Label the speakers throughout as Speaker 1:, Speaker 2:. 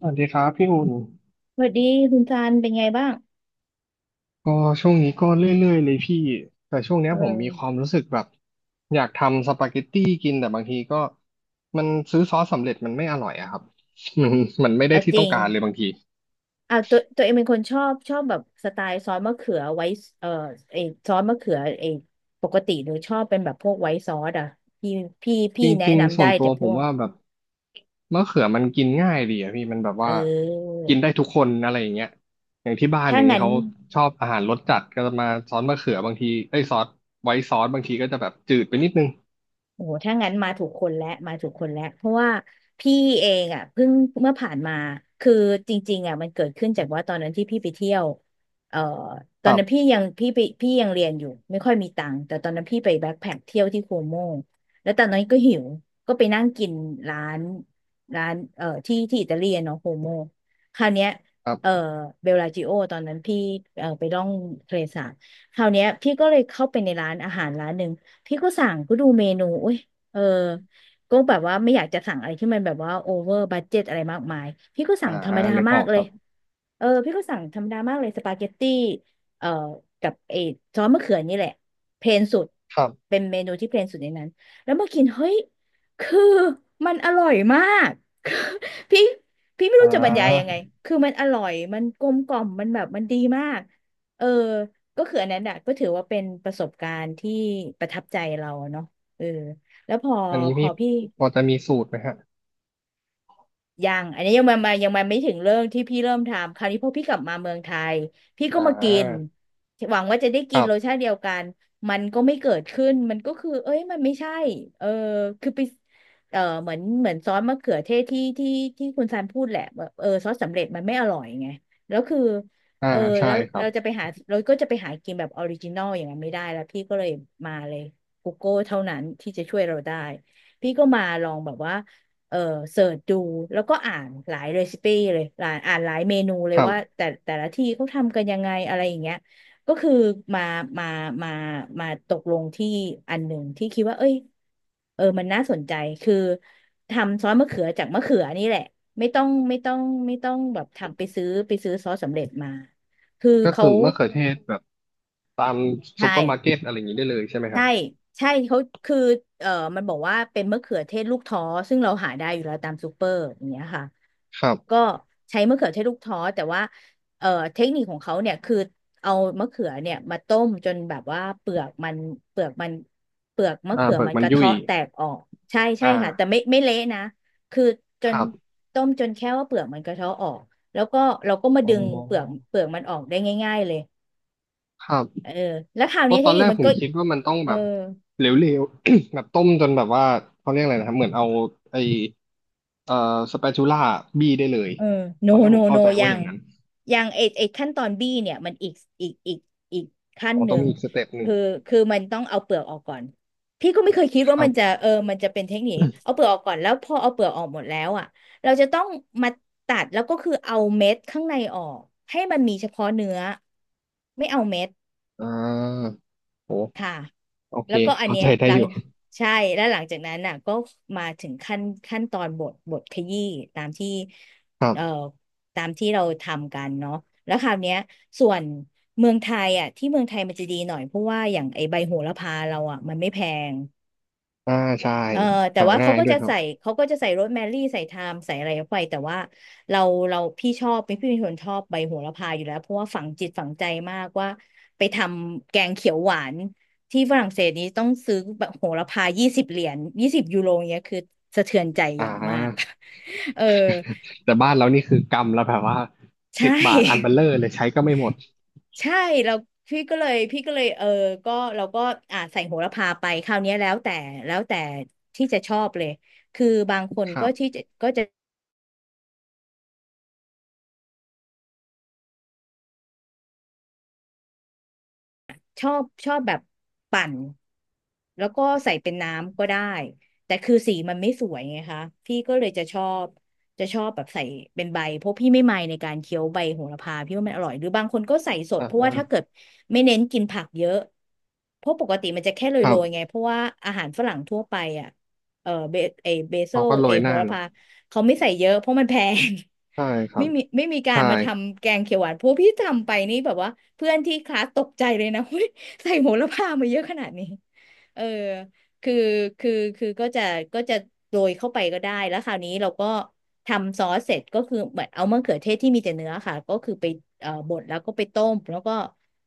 Speaker 1: สวัสดีครับพี่อุ่น
Speaker 2: สวัสดีคุณซานเป็นไงบ้าง
Speaker 1: ก็ช่วงนี้ก็เรื่อยๆเลยพี่แต่ช่วงเนี้ย
Speaker 2: เอ
Speaker 1: ผมมีความ
Speaker 2: อ
Speaker 1: รู้สึกแบบอยากทำสปาเกตตี้กินแต่บางทีก็มันซื้อซอสสำเร็จมันไม่อร่อยอะครับ มันมันไม่ได้
Speaker 2: เอา
Speaker 1: ที่
Speaker 2: จ
Speaker 1: ต้อ
Speaker 2: ริ
Speaker 1: ง
Speaker 2: ง
Speaker 1: การเลยบางที
Speaker 2: เอาตัวเองเป็นคนชอบแบบสไตล์ซอสมะเขือไว้เออไอซอสมะเขือปกติหนูชอบเป็นแบบพวกไว้ซอสอ่ะพี่
Speaker 1: จ
Speaker 2: พี่แนะ
Speaker 1: ริงๆ
Speaker 2: นำ
Speaker 1: ส่ว
Speaker 2: ได้
Speaker 1: นตัว
Speaker 2: แต่
Speaker 1: ผ
Speaker 2: พ
Speaker 1: ม
Speaker 2: วก
Speaker 1: ว่าแบบมะเขือมันกินง่ายดีอะพี่มันแบบ
Speaker 2: เอ
Speaker 1: ว่า
Speaker 2: อ
Speaker 1: กินได้ทุกคนอะไรอย่างเงี้ยอย่างที่บ้านอ
Speaker 2: ถ้า
Speaker 1: ย่างเงี้ย
Speaker 2: งั้น
Speaker 1: เขาชอบอาหารรสจัดก็จะมาซอสมะเขือบางทีเอ้ยซอสไว้ซอสบางทีก็จะแบบจืดไปนิดนึง
Speaker 2: โอ้โหถ้างั้นมาถูกคนแล้วมาถูกคนแล้วเพราะว่าพี่เองอ่ะเพิ่งเมื่อผ่านมาคือจริงๆอ่ะมันเกิดขึ้นจากว่าตอนนั้นที่พี่ไปเที่ยวเอ่อต
Speaker 1: ค
Speaker 2: อน
Speaker 1: รั
Speaker 2: นั้น
Speaker 1: บ
Speaker 2: พี่ยังเรียนอยู่ไม่ค่อยมีตังค์แต่ตอนนั้นพี่ไปแบ็คแพ็คเที่ยวที่โคโมแล้วตอนนั้นก็หิวก็ไปนั่งกินร้านร้านที่อิตาเลียนเนาะโคโมคราวเนี้ย
Speaker 1: ครั
Speaker 2: เอ่อ
Speaker 1: บ
Speaker 2: เบลลาจิโอตอนนั้นพี่ไปล่องทะเลสาบคราวเนี้ยพี่ก็เลยเข้าไปในร้านอาหารร้านหนึ่ง พี่ก็สั่งก็ดูเมนูอุ้ยเออก็แบบว่าไม่อยากจะสั่งอะไรที่มันแบบว่าโอเวอร์บัดเจ็ตอะไรมากมาย พี่ก็
Speaker 1: อ่า
Speaker 2: สั่งธรรมดา
Speaker 1: นึกอ
Speaker 2: มา
Speaker 1: อ
Speaker 2: ก
Speaker 1: ก
Speaker 2: เล
Speaker 1: ค
Speaker 2: ย เออพี่ก็สั่งธรรมดามากเลยสปาเกตตี้เอ่อกับไอ้ซอสมะเขือนี่แหละเพลนสุด
Speaker 1: รับ
Speaker 2: เป็นเมนูที่เพลนสุดในนั้นแล้วมากินเฮ้ยคือมันอร่อยมาก คือพี่ไม่
Speaker 1: อ่
Speaker 2: รู้จะบรรยายยังไง
Speaker 1: า
Speaker 2: คือมันอร่อยมันกลมกล่อมมันแบบมันดีมากเออก็คืออันนั้นอ่ะก็ถือว่าเป็นประสบการณ์ที่ประทับใจเราเนาะเออแล้วพอ
Speaker 1: อันนี้
Speaker 2: พ
Speaker 1: พี่
Speaker 2: อพี่
Speaker 1: พอจะมีสูตรไหมฮะ
Speaker 2: ยังอันนี้ยังมาไม่ถึงเรื่องที่พี่เริ่มทำคราวนี้พอพี่กลับมาเมืองไทยพี่ก็
Speaker 1: อ่
Speaker 2: มากิน
Speaker 1: า
Speaker 2: หวังว่าจะได้
Speaker 1: ค
Speaker 2: กิ
Speaker 1: รั
Speaker 2: นรส
Speaker 1: บ
Speaker 2: ชาติเดียวกันมันก็ไม่เกิดขึ้นมันก็คือเอ้ยมันไม่ใช่เออคือไปเหมือนซอสมะเขือเทศที่คุณซันพูดแหละแบบซอสสำเร็จมันไม่อร่อยไงแล้วคือ
Speaker 1: อ่า
Speaker 2: เออ
Speaker 1: ใช่
Speaker 2: แล้ว
Speaker 1: ครับ
Speaker 2: เราก็จะไปหากินแบบออริจินอลอย่างนั้นไม่ได้แล้วพี่ก็เลยมาเลย Google เท่านั้นที่จะช่วยเราได้พี่ก็มาลองแบบว่า เออเสิร์ชดูแล้วก็อ่านหลายเรซิปี้เลยหลายอ่านหลายเมนูเล
Speaker 1: ค
Speaker 2: ย
Speaker 1: รั
Speaker 2: ว่า
Speaker 1: บ
Speaker 2: แต่ละที่เขาทำกันยังไงอะไรอย่างเงี้ยก็คือมามามามาตกลงที่อันหนึ่งที่คิดว่าเอ้ยมันน่าสนใจคือทำซอสมะเขือจากมะเขือนี่แหละไม่ต้องไม่ต้องไม่ต้องแบบทำไปซื้อซอสสำเร็จมาคือ
Speaker 1: ก็คื
Speaker 2: เขา
Speaker 1: อมะเขือเทศแบบตามซุ
Speaker 2: ใช่
Speaker 1: ปเปอร์มาร์เก็ตอะไรอย่างนี้ได้เลยใช่ไหมครั
Speaker 2: ใช่
Speaker 1: บ
Speaker 2: ใช่เขาคือเอ่อมันบอกว่าเป็นมะเขือเทศลูกท้อซึ่งเราหาได้อยู่แล้วตามซูเปอร์อย่างเงี้ยค่ะ
Speaker 1: ครับ
Speaker 2: ก็ใช้มะเขือเทศลูกท้อแต่ว่าเอ่อเทคนิคของเขาเนี่ยคือเอามะเขือเนี่ยมาต้มจนแบบว่าเปลือกมันเปลือกมะ
Speaker 1: อ่า
Speaker 2: เขือ
Speaker 1: เปลือก
Speaker 2: มัน
Speaker 1: มั
Speaker 2: ก
Speaker 1: น
Speaker 2: ระ
Speaker 1: ยุ่ย
Speaker 2: เทาะแตกออกใช่
Speaker 1: อ่
Speaker 2: ใช่ค่ะแต่
Speaker 1: า
Speaker 2: ไม่เละนะคือจ
Speaker 1: ค
Speaker 2: น
Speaker 1: รับ
Speaker 2: ต้มจนแค่ว่าเปลือกมันกระเทาะออกแล้วก็เราก็มา
Speaker 1: อ๋
Speaker 2: ดึ
Speaker 1: อ
Speaker 2: งเปลือกมันออกได้ง่ายๆเลย
Speaker 1: ครับ
Speaker 2: เออแล้วคราว
Speaker 1: เพ
Speaker 2: นี้
Speaker 1: ราะ
Speaker 2: เท
Speaker 1: ตอ
Speaker 2: ค
Speaker 1: น
Speaker 2: นิ
Speaker 1: แร
Speaker 2: ค
Speaker 1: ก
Speaker 2: มัน
Speaker 1: ผม
Speaker 2: ก็
Speaker 1: คิดว่ามันต้อง
Speaker 2: เอ
Speaker 1: แบ
Speaker 2: อ
Speaker 1: บเหลวๆ แบบต้มจนแบบว่าเขาเรียกอะไรนะครับเหมือนเอาไอเอ่อสเปชูล่าบี้ได้เลย
Speaker 2: เออโน
Speaker 1: ตอนแรกผ
Speaker 2: โน
Speaker 1: มเข้า
Speaker 2: โน
Speaker 1: ใจ
Speaker 2: ยั
Speaker 1: ว่าอ
Speaker 2: ง
Speaker 1: ย่างนั้น
Speaker 2: ยังไอไอขั้นตอนบี้เนี่ยมันอีกอีกอีกขั้น
Speaker 1: อ๋อ
Speaker 2: ห
Speaker 1: ต้อ
Speaker 2: นึ่
Speaker 1: งมี
Speaker 2: ง
Speaker 1: อีกสเต็ปหนึ่ง
Speaker 2: คือคือมันต้องเอาเปลือกออกก่อนพี่ก็ไม่เคยคิด
Speaker 1: ค
Speaker 2: ว่า
Speaker 1: รับ
Speaker 2: มันจะมันจะเป็นเทคนิคเอา เปลือกออกก่อนแล้วพอเอาเปลือกออกหมดแล้วอ่ะเราจะต้องมาตัดแล้วก็คือเอาเม็ดข้างในออกให้มันมีเฉพาะเนื้อไม่เอาเม็ด
Speaker 1: อ่าโห
Speaker 2: ค่ะ
Speaker 1: โอเค
Speaker 2: แล้วก็อัน
Speaker 1: เข้า
Speaker 2: เนี้
Speaker 1: ใจ
Speaker 2: ย
Speaker 1: ได้
Speaker 2: หลั
Speaker 1: อยู่
Speaker 2: ง
Speaker 1: ค
Speaker 2: ใช่แล้วหลังจากนั้นน่ะก็มาถึงขั้นตอนบทขยี้ตามที่
Speaker 1: รับ
Speaker 2: เอ่อตามที่เราทำกันเนาะแล้วคราวเนี้ยส่วนเมืองไทยอ่ะที่เมืองไทยมันจะดีหน่อยเพราะว่าอย่างไอใบโหระพาเราอ่ะมันไม่แพง
Speaker 1: อ่าใช่
Speaker 2: เออแต่
Speaker 1: หา
Speaker 2: ว่า
Speaker 1: ง่า
Speaker 2: เขา
Speaker 1: ย
Speaker 2: ก็
Speaker 1: ด้วย
Speaker 2: จะ
Speaker 1: ครับ
Speaker 2: ใส่เขาก็จะใส่โรสแมรี่ใส่ไทม์ใส่อะไรไปแต่ว่าเราเราพี่ชอบพี่เป็นคนชอบใบโหระพาอยู่แล้วเพราะว่าฝังจิตฝังใจมากว่าไปทำแกงเขียวหวานที่ฝรั่งเศสนี้ต้องซื้อแบบโหระพา20 เหรียญ20 ยูโรเนี้ยคือสะเทือนใจอ
Speaker 1: อ่
Speaker 2: ย่างมาก
Speaker 1: า
Speaker 2: เออ
Speaker 1: แต่บ้านเรานี่คือกำแล้วแบบว่า
Speaker 2: ใช
Speaker 1: 10 บาทอันเบล
Speaker 2: ่
Speaker 1: เลอร์เลยใช้ก็ไม่หมด
Speaker 2: ใช่เราพี่ก็เลยพี่ก็เลยก็เราก็อ่าใส่โหระพาไปคราวเนี้ยแล้วแต่ที่จะชอบเลยคือบางคน
Speaker 1: ครั
Speaker 2: ก็ที่
Speaker 1: บ
Speaker 2: จะก็จะ ชอบแบบปั่นแล้วก็ใส่เป็นน้ำก็ได้แต่คือสีมันไม่สวยไงคะพี่ก็เลยจะชอบจะชอบแบบใส่เป็นใบเพราะพี่ไม่ในการเคี้ยวใบโหระพาพี่ว่ามันอร่อยหรือบางคนก็ใส่ส
Speaker 1: อ่
Speaker 2: ดเพราะว่าถ้าเกิ
Speaker 1: า
Speaker 2: ดไม่เน้นกินผักเยอะเพราะปกติมันจะแค่โร
Speaker 1: ครับ
Speaker 2: ยๆไงเพราะว่าอาหารฝรั่งทั่วไปอ่ะเออเบเอเบโซ
Speaker 1: เขาก็โร
Speaker 2: เอ
Speaker 1: ยห
Speaker 2: โห
Speaker 1: น้า
Speaker 2: ระ
Speaker 1: เนาะ
Speaker 2: พาเขาไม่ใส่เยอะเพราะมันแพง
Speaker 1: ใช่ครั
Speaker 2: ไม่
Speaker 1: บ
Speaker 2: มีไม่มีกา
Speaker 1: ใช่
Speaker 2: รมาทำแกงเขียวหวานเพราะพี่ทำไปนี่แบบว่าเพื่อนที่คลาสตกใจเลยนะ เฮ้ยใส่โหระพามาเยอะขนาดนี้เออคือคือคือก็จะโรยเข้าไปก็ได้แล้วคราวนี้เราก็ทำซอสเสร็จก็คือเหมือนเอามะเขือเทศที่มีแต่เนื้อค่ะก็คือไปบดแล้วก็ไปต้มแล้วก็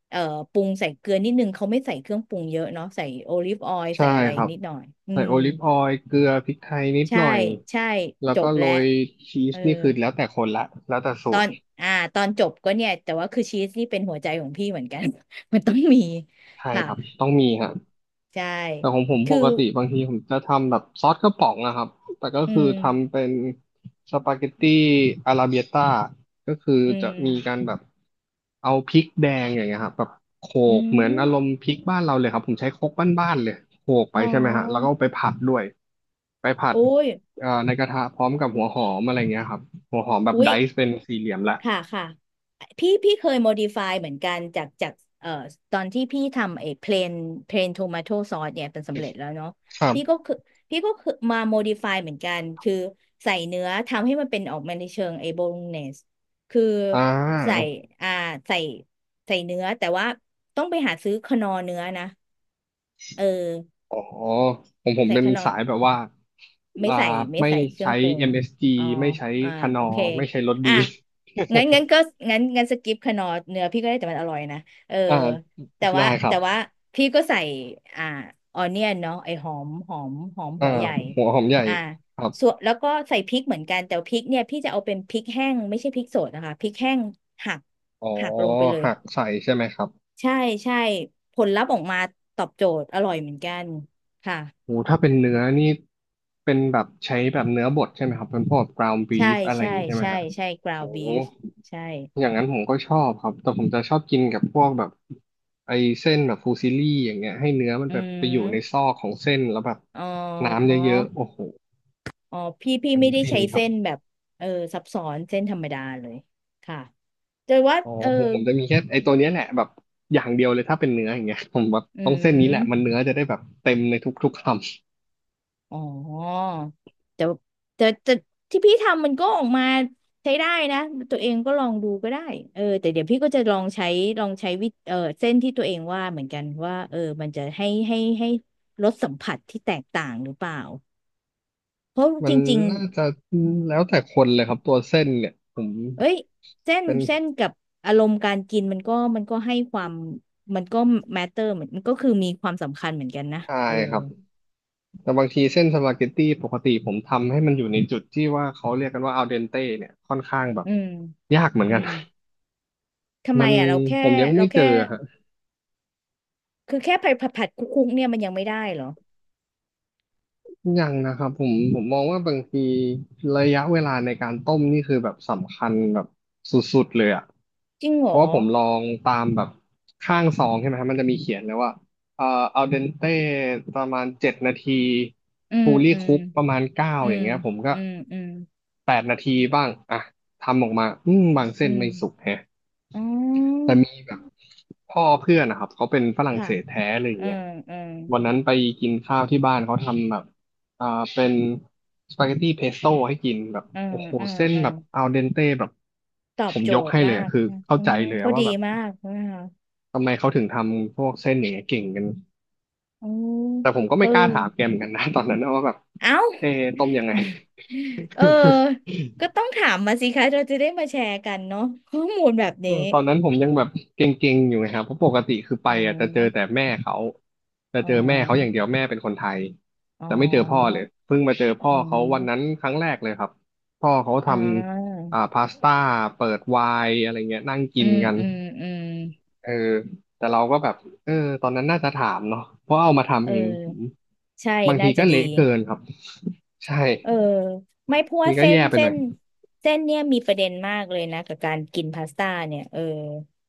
Speaker 2: เอ่อปรุงใส่เกลือนิดนึงเขาไม่ใส่เครื่องปรุงเยอะเนาะใส่โอลิฟออยล์
Speaker 1: ใช่
Speaker 2: ใส่อะไร
Speaker 1: ครับ
Speaker 2: นิดหน่อยอื
Speaker 1: ใส่
Speaker 2: ม
Speaker 1: โอลิฟออยล์เกลือพริกไทยนิดห
Speaker 2: ใช่
Speaker 1: น่อย
Speaker 2: ใช่
Speaker 1: แล้ว
Speaker 2: จ
Speaker 1: ก็
Speaker 2: บ
Speaker 1: โร
Speaker 2: แล้ว
Speaker 1: ยชี
Speaker 2: เอ
Speaker 1: ส
Speaker 2: อ
Speaker 1: นี่คือแล้วแต่คนละแล้วแต่สู
Speaker 2: ตอ
Speaker 1: ตร
Speaker 2: น อ่า ตอนจบก็เนี่ยแต่ว่าคือชีสนี่เป็นหัวใจของพี่เหมือนกัน มันต้องมี
Speaker 1: ใช่
Speaker 2: ค่ะ
Speaker 1: ครับต้องมีฮะ
Speaker 2: ใช่
Speaker 1: แต่ของผมป
Speaker 2: คือ
Speaker 1: กติบางทีผมจะทำแบบซอสกระป๋องนะครับแต่ก็
Speaker 2: อื
Speaker 1: คือทำ
Speaker 2: ม
Speaker 1: เป็นสปาเกตตี้อาราเบียต้าก็คือ
Speaker 2: อื
Speaker 1: จะ
Speaker 2: ม
Speaker 1: มีการแบบเอาพริกแดงอย่างเงี้ยครับแบบโข
Speaker 2: อื
Speaker 1: กเหมือนอารม
Speaker 2: ม
Speaker 1: ณ์พริกบ้านเราเลยครับผมใช้ครกบ้านๆเลยโขกไป
Speaker 2: อ๋
Speaker 1: ใช่ไหมฮะแล้วก็
Speaker 2: อ
Speaker 1: เอาไปผัดด้วยไปผัด
Speaker 2: โอ้ย
Speaker 1: ในกระทะพร้อมกับหัวหอมอะไรเงี้ยครับหัวหอมแบบ
Speaker 2: อุ๊
Speaker 1: ได
Speaker 2: ย
Speaker 1: ซ์เป็นสี่เหลี่ยมละ
Speaker 2: ค่ะค่ะพี่เคย modify เหมือนกันจากเอ่อตอนที่พี่ทำไอ้ plain plain tomato sauce เนี่ยเป็นสำเร็จแล้วเนาะ
Speaker 1: ครั
Speaker 2: พี่ก็
Speaker 1: บ
Speaker 2: คือพี่ก็คือมา modify เหมือนกันคือใส่เนื้อทำให้มันเป็นออกมาในเชิงไอ้โบโลเนสคือ
Speaker 1: อ่
Speaker 2: ใส่
Speaker 1: า
Speaker 2: อ่าใส่ใส่เนื้อแต่ว่าต้องไปหาซื้อคนอเนื้อนะเออ
Speaker 1: อ๋อผม
Speaker 2: ใส่
Speaker 1: เป็น
Speaker 2: คนอ
Speaker 1: สายแบบว่า
Speaker 2: ไม่
Speaker 1: อ่า
Speaker 2: ใส่ไม่
Speaker 1: ไม่
Speaker 2: ใส่เครื่อ
Speaker 1: ใช้
Speaker 2: งปรุง
Speaker 1: MSG
Speaker 2: อ๋อ
Speaker 1: ไม่ใช้
Speaker 2: อ่า
Speaker 1: คานอ
Speaker 2: โอเค
Speaker 1: ร์ไม่ใช้รถดี
Speaker 2: อ่ะงั้นก็งั้นสกิปขนอร์เนื้อพี่ก็ได้แต่มันอร่อยนะเออ
Speaker 1: อ่า
Speaker 2: แต่
Speaker 1: ได้
Speaker 2: ว่า
Speaker 1: ครั
Speaker 2: แต่
Speaker 1: บ
Speaker 2: ว่าพี่ก็ใส่อ่าออเนียนเนาะไอหอม
Speaker 1: อ่า
Speaker 2: หัวใหญ่
Speaker 1: หัวหอมใหญ่
Speaker 2: อ่า
Speaker 1: ครับ
Speaker 2: ส่วนแล้วก็ใส่พริกเหมือนกันแต่พริกเนี่ยพี่จะเอาเป็นพริกแห้งไม่ใช่พริกสดนะคะพริกแห้งหัก
Speaker 1: อ๋อ
Speaker 2: หักลงไปเลย
Speaker 1: หักใส่ใช่ไหมครับ
Speaker 2: ใช่ใช่ผลลัพธ์ออกมาตอบโจทย์อร่อยเหมือนกันค่ะ
Speaker 1: โหถ้าเป็นเนื้อนี่เป็นแบบใช้แบบเนื้อบดใช่ไหมครับเป็นพวก ground
Speaker 2: ใช่
Speaker 1: beef อะไรอ
Speaker 2: ใช่
Speaker 1: ย่างนี้ใช่ไหม
Speaker 2: ใช่
Speaker 1: ครับ
Speaker 2: ใช่กรา
Speaker 1: โอ้
Speaker 2: วบีฟใช่
Speaker 1: อย่างนั้นผมก็ชอบครับแต่ผมจะชอบกินกับพวกแบบไอ้เส้นแบบฟูซิลลี่อย่างเงี้ยให้เนื้อมัน
Speaker 2: อื
Speaker 1: แบบไปอยู่ในซ
Speaker 2: ม
Speaker 1: อกของเส้นแล้วแบบ
Speaker 2: อ๋
Speaker 1: น้ำ
Speaker 2: อ
Speaker 1: เยอะๆโอ้โห
Speaker 2: อ๋อพี่
Speaker 1: อัน
Speaker 2: ไม่
Speaker 1: นี้
Speaker 2: ได้
Speaker 1: ฟิน
Speaker 2: ใช้
Speaker 1: ครับ
Speaker 2: เส้นแบบเออซับซ้อนเส้นธรรมดาเลยค่ะแต่ว่า
Speaker 1: อ๋อ
Speaker 2: เออ
Speaker 1: ผมจะมีแค่ไอ้ตัวเนี้ยแหละแบบอย่างเดียวเลยถ้าเป็นเนื้ออย่างเงี้ยผมแบบ
Speaker 2: อื
Speaker 1: ต้องเส้นนี้แหละมัน
Speaker 2: ม
Speaker 1: เนื้อจะได้แบบเต็มในทุกๆคำ
Speaker 2: อ๋อแต่แต่แต่ที่พี่ทำมันก็ออกมาใช้ได้นะตัวเองก็ลองดูก็ได้เออแต่เดี๋ยวพี่ก็จะลองใช้ลองใช้วิเออเส้นที่ตัวเองว่าเหมือนกันว่าเออมันจะให้รสสัมผัสที่แตกต่างหรือเปล่าเพราะ
Speaker 1: มั
Speaker 2: จ
Speaker 1: น
Speaker 2: ริงๆ
Speaker 1: น่าจะแล้วแต่คนเลยครับตัวเส้นเนี่ยผม
Speaker 2: เอ้ยเส้น
Speaker 1: เป็น
Speaker 2: เส้นกับอารมณ์การกินมันก็มันก็ให้ความมันก็ matter เหมือนมันก็คือมีความสำคัญเหมือนกันนะ
Speaker 1: ชา
Speaker 2: เออ
Speaker 1: ยครับแต่บางทีเส้นสปาเกตตี้ปกติผมทำให้มันอยู่ในจุดที่ว่าเขาเรียกกันว่าอัลเดนเต้เนี่ยค่อนข้างแบบ
Speaker 2: อืม
Speaker 1: ยากเหมือน
Speaker 2: อื
Speaker 1: กัน
Speaker 2: มทำไม
Speaker 1: มัน
Speaker 2: อ่ะเราแค่
Speaker 1: ผมยัง
Speaker 2: เรา
Speaker 1: ไม่เจ
Speaker 2: แค่
Speaker 1: อฮะ
Speaker 2: คือแค่ผัดคุกคุกๆเนี่ยมันยังไม่ได้เหรอ
Speaker 1: ยังนะครับผมมองว่าบางทีระยะเวลาในการต้มนี่คือแบบสำคัญแบบสุดๆเลยอ่ะ
Speaker 2: จริงเห
Speaker 1: เพ
Speaker 2: ร
Speaker 1: ราะ
Speaker 2: อ
Speaker 1: ว่าผมลองตามแบบข้างซองใช่ไหมครับมันจะมีเขียนเลยว่าเอ่ออัลเดนเต้ประมาณ7 นาที
Speaker 2: อื
Speaker 1: ฟู
Speaker 2: ม
Speaker 1: ลี่
Speaker 2: อืม
Speaker 1: คุกประมาณ 9
Speaker 2: อื
Speaker 1: อย่า
Speaker 2: ม
Speaker 1: งเงี้ยผมก็
Speaker 2: อืมอืม
Speaker 1: 8 นาทีบ้างอ่ะทำออกมาอืมบางเส้
Speaker 2: อื
Speaker 1: น
Speaker 2: ม
Speaker 1: ไม่สุกแฮะ
Speaker 2: อ๋
Speaker 1: แต่
Speaker 2: อ
Speaker 1: มีแบบ พ่อเพื่อนนะครับเขาเป็นฝรั่ง
Speaker 2: ค่ะ
Speaker 1: เศสแท้เลยอย่าง
Speaker 2: อื
Speaker 1: เงี้ย
Speaker 2: มอืม
Speaker 1: วันนั้นไปกินข้าวที่บ้านเขาทำแบบอ่าเป็นสปาเกตตี้เพสโต้ให้กินแบบ
Speaker 2: อืม
Speaker 1: โอ้โห
Speaker 2: อืม
Speaker 1: เส้น
Speaker 2: อื
Speaker 1: แบ
Speaker 2: ม
Speaker 1: บอัลเดนเต้แบบ
Speaker 2: ตอ
Speaker 1: ผ
Speaker 2: บ
Speaker 1: ม
Speaker 2: โจ
Speaker 1: ยก
Speaker 2: ทย์
Speaker 1: ให้เล
Speaker 2: มา
Speaker 1: ยอะ
Speaker 2: ก
Speaker 1: คือเข้า
Speaker 2: อ๋อ
Speaker 1: ใจเลย
Speaker 2: พอ
Speaker 1: ว่า
Speaker 2: ดี
Speaker 1: แบบ
Speaker 2: มากนะคะ
Speaker 1: ทำไมเขาถึงทำพวกเส้นอย่างเงี้ยเก่งกัน
Speaker 2: อ๋อ
Speaker 1: แต่ผมก็
Speaker 2: เอ
Speaker 1: ไม่
Speaker 2: อ
Speaker 1: กล้าถามแกเหมือนกันนะตอนนั้นนะว่าแบบ
Speaker 2: เอ้า
Speaker 1: เอะต้มยังไง
Speaker 2: เออ ก็ต้องถามมาสิคะเราจะได้มาแชร์กันเนาะข้อมูลแบบ
Speaker 1: เออ
Speaker 2: นี้
Speaker 1: ตอนนั้นผมยังแบบเก่งๆอยู่ไงครับเพราะปกติคือไป
Speaker 2: อ๋
Speaker 1: อ่ะจะเจอแต่
Speaker 2: อ
Speaker 1: แม่เขาจะ
Speaker 2: อ๋อ
Speaker 1: เจอแม่เขาอย่างเดียวแม่เป็นคนไทย
Speaker 2: อ๋อ
Speaker 1: จะไม่เจอพ่อเลยเพิ่งมาเจอพ่อ
Speaker 2: อ๋
Speaker 1: เขาวันนั้น
Speaker 2: อ
Speaker 1: ครั้งแรกเลยครับพ่อเขาท
Speaker 2: อ่า
Speaker 1: ำพาสต้าเปิดไวน์อะไรเงี้ยนั่งกิ
Speaker 2: อื
Speaker 1: น
Speaker 2: ม
Speaker 1: กัน
Speaker 2: อืมอืม
Speaker 1: เออแต่เราก็แบบเออตอนนั้นน่าจะถามเนาะเพราะเอามา
Speaker 2: เอ
Speaker 1: ทำเองผม
Speaker 2: อใช่
Speaker 1: บางที
Speaker 2: น่า
Speaker 1: ก็
Speaker 2: จะดี
Speaker 1: เละเกินครับใช่
Speaker 2: เออ ไม่เพราะว่า
Speaker 1: นี่ก็
Speaker 2: เส้น
Speaker 1: แย่ไปห
Speaker 2: เส้
Speaker 1: น่อย
Speaker 2: นเส้นเนี่ยมีประเด็นมากเลยนะกับการกินพาสต้าเนี่ยเออ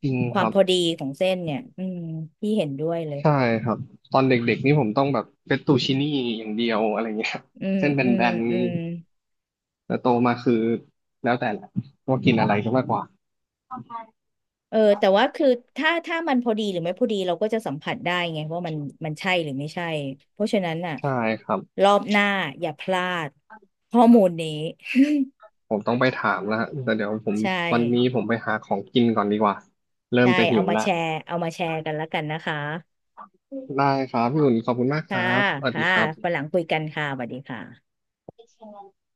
Speaker 1: จริง
Speaker 2: ค
Speaker 1: ค
Speaker 2: วาม
Speaker 1: รับ
Speaker 2: พอดีของเส้นเนี่ย อืมพี่เห็นด้วยเลย
Speaker 1: ใช่ครับตอนเด็กๆนี่ผมต้องแบบเฟตตูชินี่อย่างเดียวอะไรเงี้ย
Speaker 2: อืม
Speaker 1: เส้นแบ
Speaker 2: อืม
Speaker 1: น
Speaker 2: อืม
Speaker 1: ๆแต่โตมาคือแล้วแต่แหละว่ากินอะไรก็มากกว่า
Speaker 2: เออแต่ว่าคือถ้ามันพอดีหรือไม่พอดีเราก็จะสัมผัสได้ไงว่ามันมันใช่หรือไม่ใช่เพราะฉะนั้นน่ะ
Speaker 1: ใช่ครับ
Speaker 2: รอบหน้าอย่าพลาดข้อมูลนี้
Speaker 1: ผมต้องไปถามแล้วฮะแต่เดี๋ยวผม
Speaker 2: ใช่
Speaker 1: วันนี้ผมไปหาของกินก่อนดีกว่าเริ่ม
Speaker 2: ใช่
Speaker 1: จะหิ
Speaker 2: เอา
Speaker 1: ว
Speaker 2: มา
Speaker 1: ละ
Speaker 2: แชร์เอามาแชร์กันแล้วกันนะคะ
Speaker 1: ได้ครับพี่อุ่นขอบคุณมากค
Speaker 2: ค่ะ
Speaker 1: รับสวัสดี
Speaker 2: ค่ะ
Speaker 1: ครั
Speaker 2: วัน
Speaker 1: บ
Speaker 2: หลังคุยกันค่ะสวัสดีค่ะ